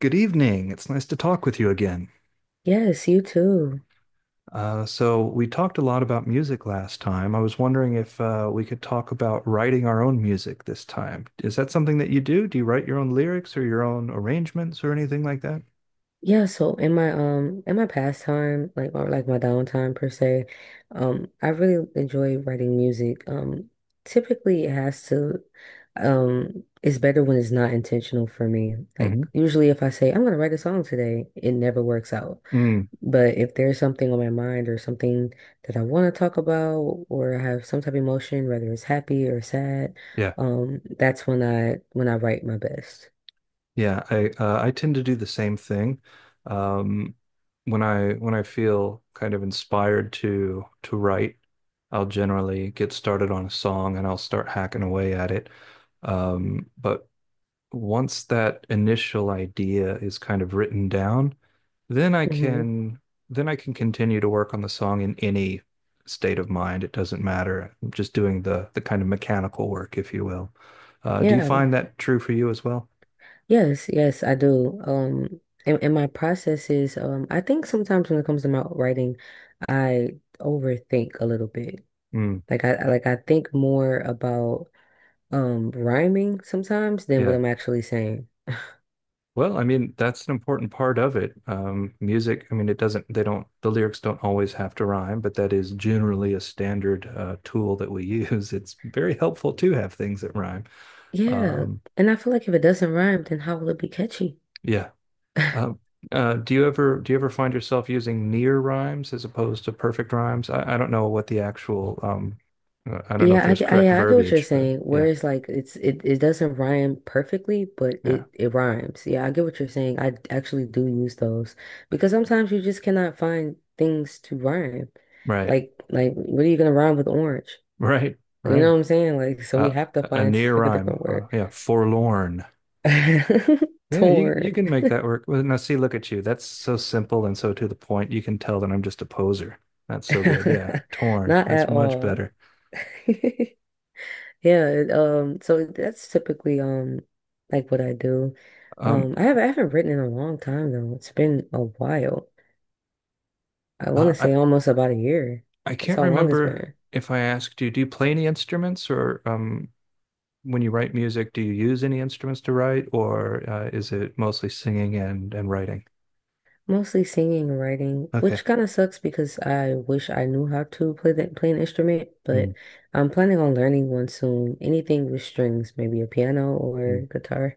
Good evening. It's nice to talk with you again. Yes, you too. We talked a lot about music last time. I was wondering if we could talk about writing our own music this time. Is that something that you do? Do you write your own lyrics or your own arrangements or anything like that? Yeah, so in my pastime, like my downtime per se, I really enjoy writing music. Typically it has to it's better when it's not intentional for me. Like Hmm. usually if I say I'm gonna write a song today, it never works out. Mm, But if there's something on my mind or something that I want to talk about, or I have some type of emotion, whether it's happy or sad, yeah, that's when I write my best. yeah. I tend to do the same thing. Um, when I feel kind of inspired to write, I'll generally get started on a song and I'll start hacking away at it. But once that initial idea is kind of written down, then I Mm-hmm. can then I can continue to work on the song in any state of mind. It doesn't matter. I'm just doing the kind of mechanical work, if you will. Do you Yeah, find that true for you as well? yes, I do. And my process is, I think sometimes when it comes to my writing, I overthink a little bit. Mm, Like I think more about rhyming sometimes than what yeah. I'm actually saying. Well, I mean, that's an important part of it. Music, I mean, it doesn't, they don't, the lyrics don't always have to rhyme, but that is generally a standard tool that we use. It's very helpful to have things that rhyme. Yeah, Um, and I feel like if it doesn't rhyme, then how will it be catchy? yeah. Uh, do you ever find yourself using near rhymes as opposed to perfect rhymes? I don't know what the actual I don't know if Yeah, I, there's get- I, correct yeah, I get what you're verbiage, but saying. yeah, Whereas like it doesn't rhyme perfectly, but yeah, it rhymes. Yeah, I get what you're saying. I actually do use those because sometimes you just cannot find things to rhyme. right, Like what are you gonna rhyme with orange? right, You know right. what I'm saying? Like so we Uh, have to a find near like a rhyme, different word. yeah, forlorn. Yeah, you Torn. can make that work. Well, now see, look at you. That's so simple and so to the point. You can tell that I'm just a poser. That's so good. Yeah, torn. Not That's at much all. better. So that's typically like what I do. Um, I haven't written in a long time though. It's been a while. I want to I say almost about a year. I That's can't how long it's remember been. if I asked you, do you play any instruments or when you write music, do you use any instruments to write, or is it mostly singing and writing? Mostly singing and writing, Okay. which kind of sucks because I wish I knew how to play an instrument, but Mm, I'm planning on learning one soon. Anything with strings, maybe a piano or mm. guitar.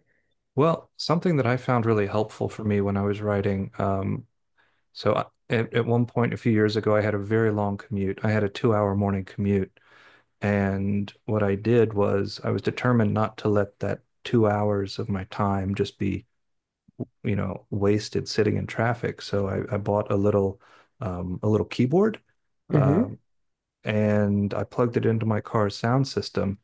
Well, something that I found really helpful for me when I was writing, so I, at one point a few years ago, I had a very long commute. I had a 2 hour morning commute, and what I did was I was determined not to let that 2 hours of my time just be, you know, wasted sitting in traffic. So I bought a little keyboard uh, Mm-hmm. and I plugged it into my car's sound system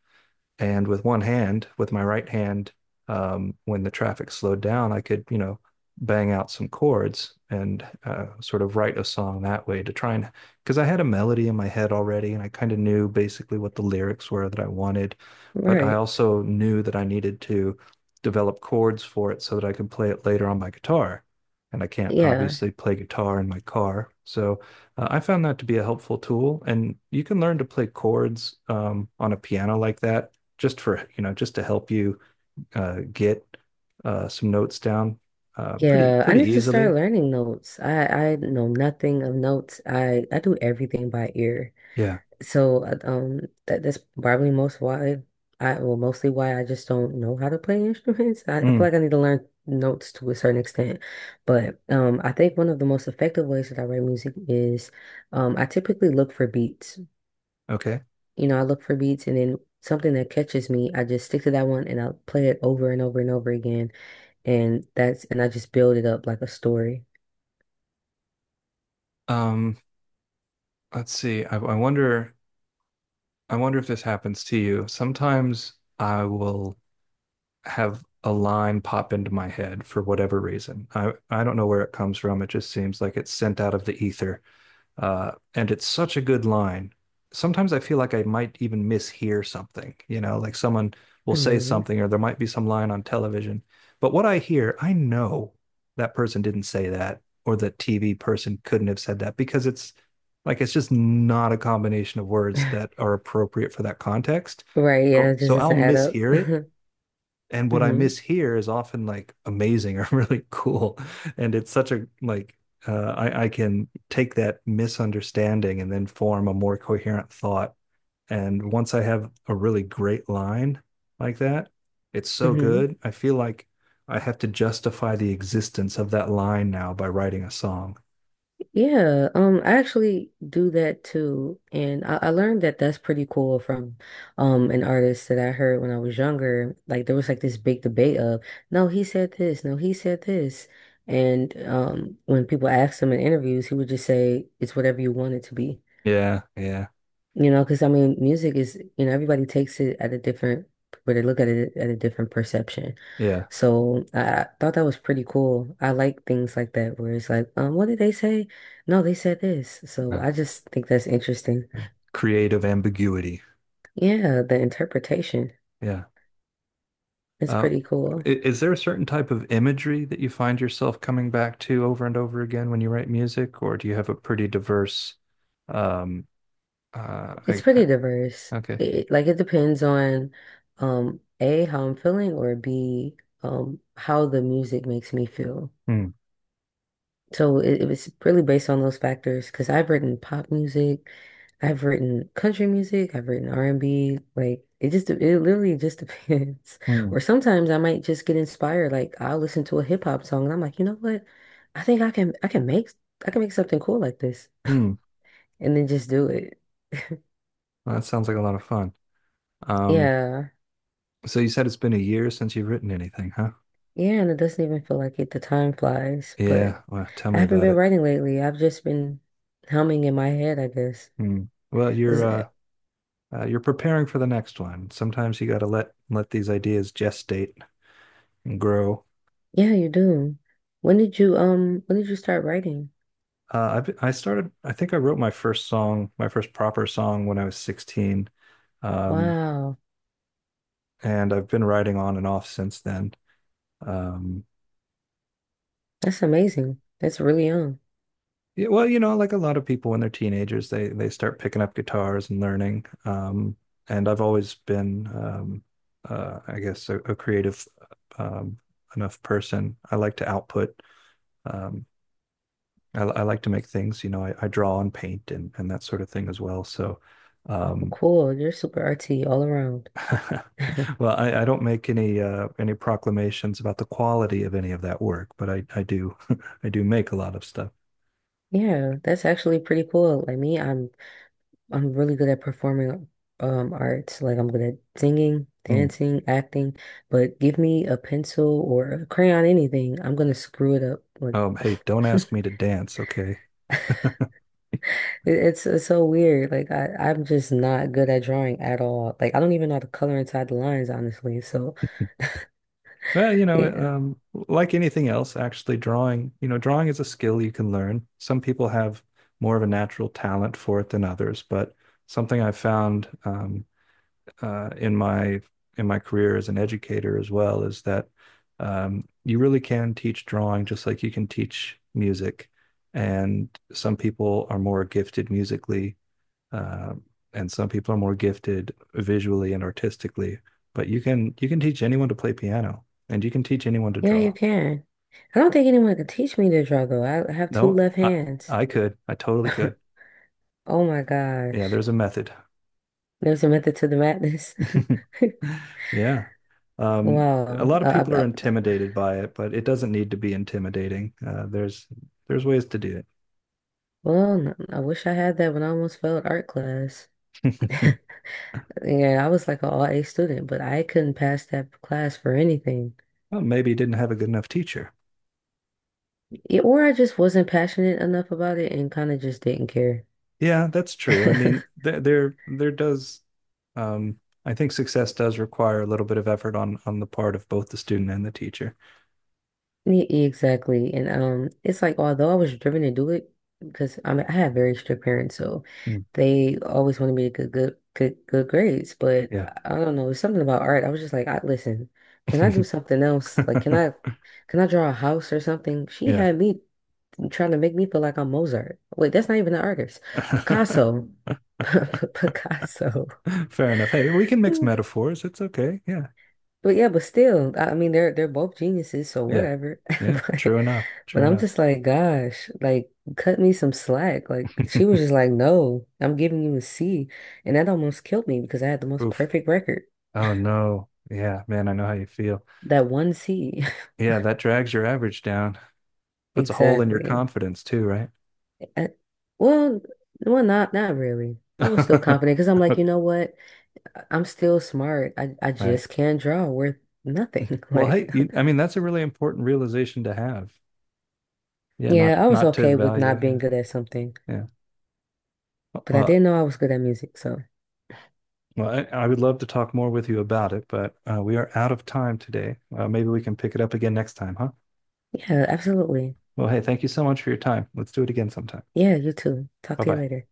and with one hand, with my right hand, when the traffic slowed down, I could, you know, bang out some chords and sort of write a song that way to try and, because I had a melody in my head already and I kind of knew basically what the lyrics were that I wanted. But I Right. also knew that I needed to develop chords for it so that I could play it later on my guitar. And I can't Yeah, obviously play guitar in my car. So I found that to be a helpful tool. And you can learn to play chords on a piano like that just for you know just to help you get some notes down pretty yeah, I pretty need to start easily. learning notes. I know nothing of notes. I do everything by ear. Yeah. So that's probably mostly why I just don't know how to play instruments. I feel Mm, like I need to learn notes to a certain extent. But I think one of the most effective ways that I write music is I typically look for beats. okay. You know, I look for beats, and then something that catches me, I just stick to that one and I'll play it over and over and over again. And that's and I just build it up like a story. Um, let's see. I wonder. I wonder if this happens to you. Sometimes I will have a line pop into my head for whatever reason. I don't know where it comes from. It just seems like it's sent out of the ether. And it's such a good line. Sometimes I feel like I might even mishear something, you know, like someone will say Hmm something or there might be some line on television. But what I hear, I know that person didn't say that or the TV person couldn't have said that because it's just not a combination of words that are appropriate for that context. Right, yeah, So it so just I'll doesn't add up. mishear it and what I hmm miss here is often like amazing or really cool. And it's such a like I can take that misunderstanding and then form a more coherent thought. And once I have a really great line like that, it's so hmm good. I feel like I have to justify the existence of that line now by writing a song. Yeah, I actually do that too, and I learned that that's pretty cool from an artist that I heard when I was younger. Like there was like this big debate of, no, he said this, no, he said this, and when people asked him in interviews, he would just say it's whatever you want it to be, Yeah, yeah, you know, because I mean, music is, you know, everybody takes it at a different, but they look at it at a different perception. yeah. So I thought that was pretty cool. I like things like that where it's like, what did they say? No, they said this. So Uh, I just think that's interesting. Creative ambiguity. Yeah, the interpretation Yeah. is Uh, pretty cool. Is there a certain type of imagery that you find yourself coming back to over and over again when you write music, or do you have a pretty diverse, um, uh, It's I, I, pretty diverse. okay. It depends on A, how I'm feeling, or B, how the music makes me feel. Hmm. So it was really based on those factors, because I've written pop music, I've written country music, I've written R&B. Like it literally just depends. Hmm. Or sometimes I might just get inspired. Like I'll listen to a hip hop song and I'm like, you know what? I think I can make something cool like this, Hmm. and then just do it. Well, that sounds like a lot of fun. Um, Yeah, so you said it's been a year since you've written anything, huh? yeah. And it doesn't even feel like it. The time flies. But Yeah. Well, tell I me haven't about been it. writing lately. I've just been humming in my head, I guess. Hmm. Well, you're preparing for the next one. Sometimes you got to let these ideas gestate and grow. Yeah, you do. When did you start writing? I started. I think I wrote my first song, my first proper song, when I was 16, um, Wow, and I've been writing on and off since then. Um, that's amazing. That's really young. yeah, well, you know, like a lot of people when they're teenagers, they start picking up guitars and learning. And I've always been, I guess, a creative um, enough person. I like to output. Um, I like to make things. You know, I draw and paint and that sort of thing as well. So. Wow, Um, cool. You're super artsy all around. Well, I don't make any proclamations about the quality of any of that work, but I do I do make a lot of stuff. Yeah, that's actually pretty cool. Like me, I'm really good at performing arts. Like I'm good at singing, Hmm. dancing, acting, but give me a pencil or a crayon, anything, I'm gonna screw it up. Like Hey, don't it- ask me to dance, okay? it's so weird. Like I'm just not good at drawing at all. Like I don't even know how to color inside the lines, honestly. So Well, you know, yeah, like anything else, actually drawing, you know, drawing is a skill you can learn. Some people have more of a natural talent for it than others, but something I've found uh, in my in my career as an educator as well is that you really can teach drawing just like you can teach music. And some people are more gifted musically, uh, and some people are more gifted visually and artistically. But you can teach anyone to play piano, and you can teach anyone to yeah, you draw. can. I don't think anyone could teach me to draw, though. I have two No, left hands. I could, I totally could. Oh my gosh. Yeah, there's a method. There's a method to the madness. Yeah. A Wow. lot of Uh, people I, are I, intimidated by it, but it doesn't need to be intimidating. There's ways to do it. well, I wish I had that when I almost failed art class. Hmm. Yeah, I was like an all A student, but I couldn't pass that class for anything. Well, maybe you didn't have a good enough teacher. Yeah, or I just wasn't passionate enough about it and kind of just didn't care. Yeah, that's true. I mean, there does um, I think success does require a little bit of effort on the part of both the student and the teacher. Yeah, exactly. And it's like although I was driven to do it because I mean I had very strict parents, so Hmm. they always wanted me to get good grades. But Yeah. I don't know, it's something about art. I was just like, I listen, can I do something else? Like can I can I draw a house or something? She Yeah. had me trying to make me feel like I'm Mozart. Wait, that's not even an artist. Picasso. Picasso. Fair enough. Hey, we can mix metaphors. It's okay. Yeah. But yeah, but still, I mean they're both geniuses, so Yeah. whatever. Yeah. But True enough. But True I'm enough. just like, gosh, like cut me some slack. Like she was just like, no, I'm giving you a C. And that almost killed me because I had the most Oof. perfect record. Oh no. Yeah, man, I know how you feel. That one C. Yeah, that drags your average down. Puts a hole in your Exactly. confidence too, right? I- well, well, not not really. I was still confident because I'm like, you know what? I'm still smart. I Right. just can't draw worth nothing. Well, Like, hey, you, I mean, that's a really important realization to have. Yeah, not yeah, I was not to okay with value. not Yeah. being good at something, Yeah. but I Well, didn't know I was good at music. So well, I would love to talk more with you about it, but we are out of time today. Maybe we can pick it up again next time, huh? yeah, absolutely. Well, hey, thank you so much for your time. Let's do it again sometime. Yeah, you too. Talk to you Bye-bye. later.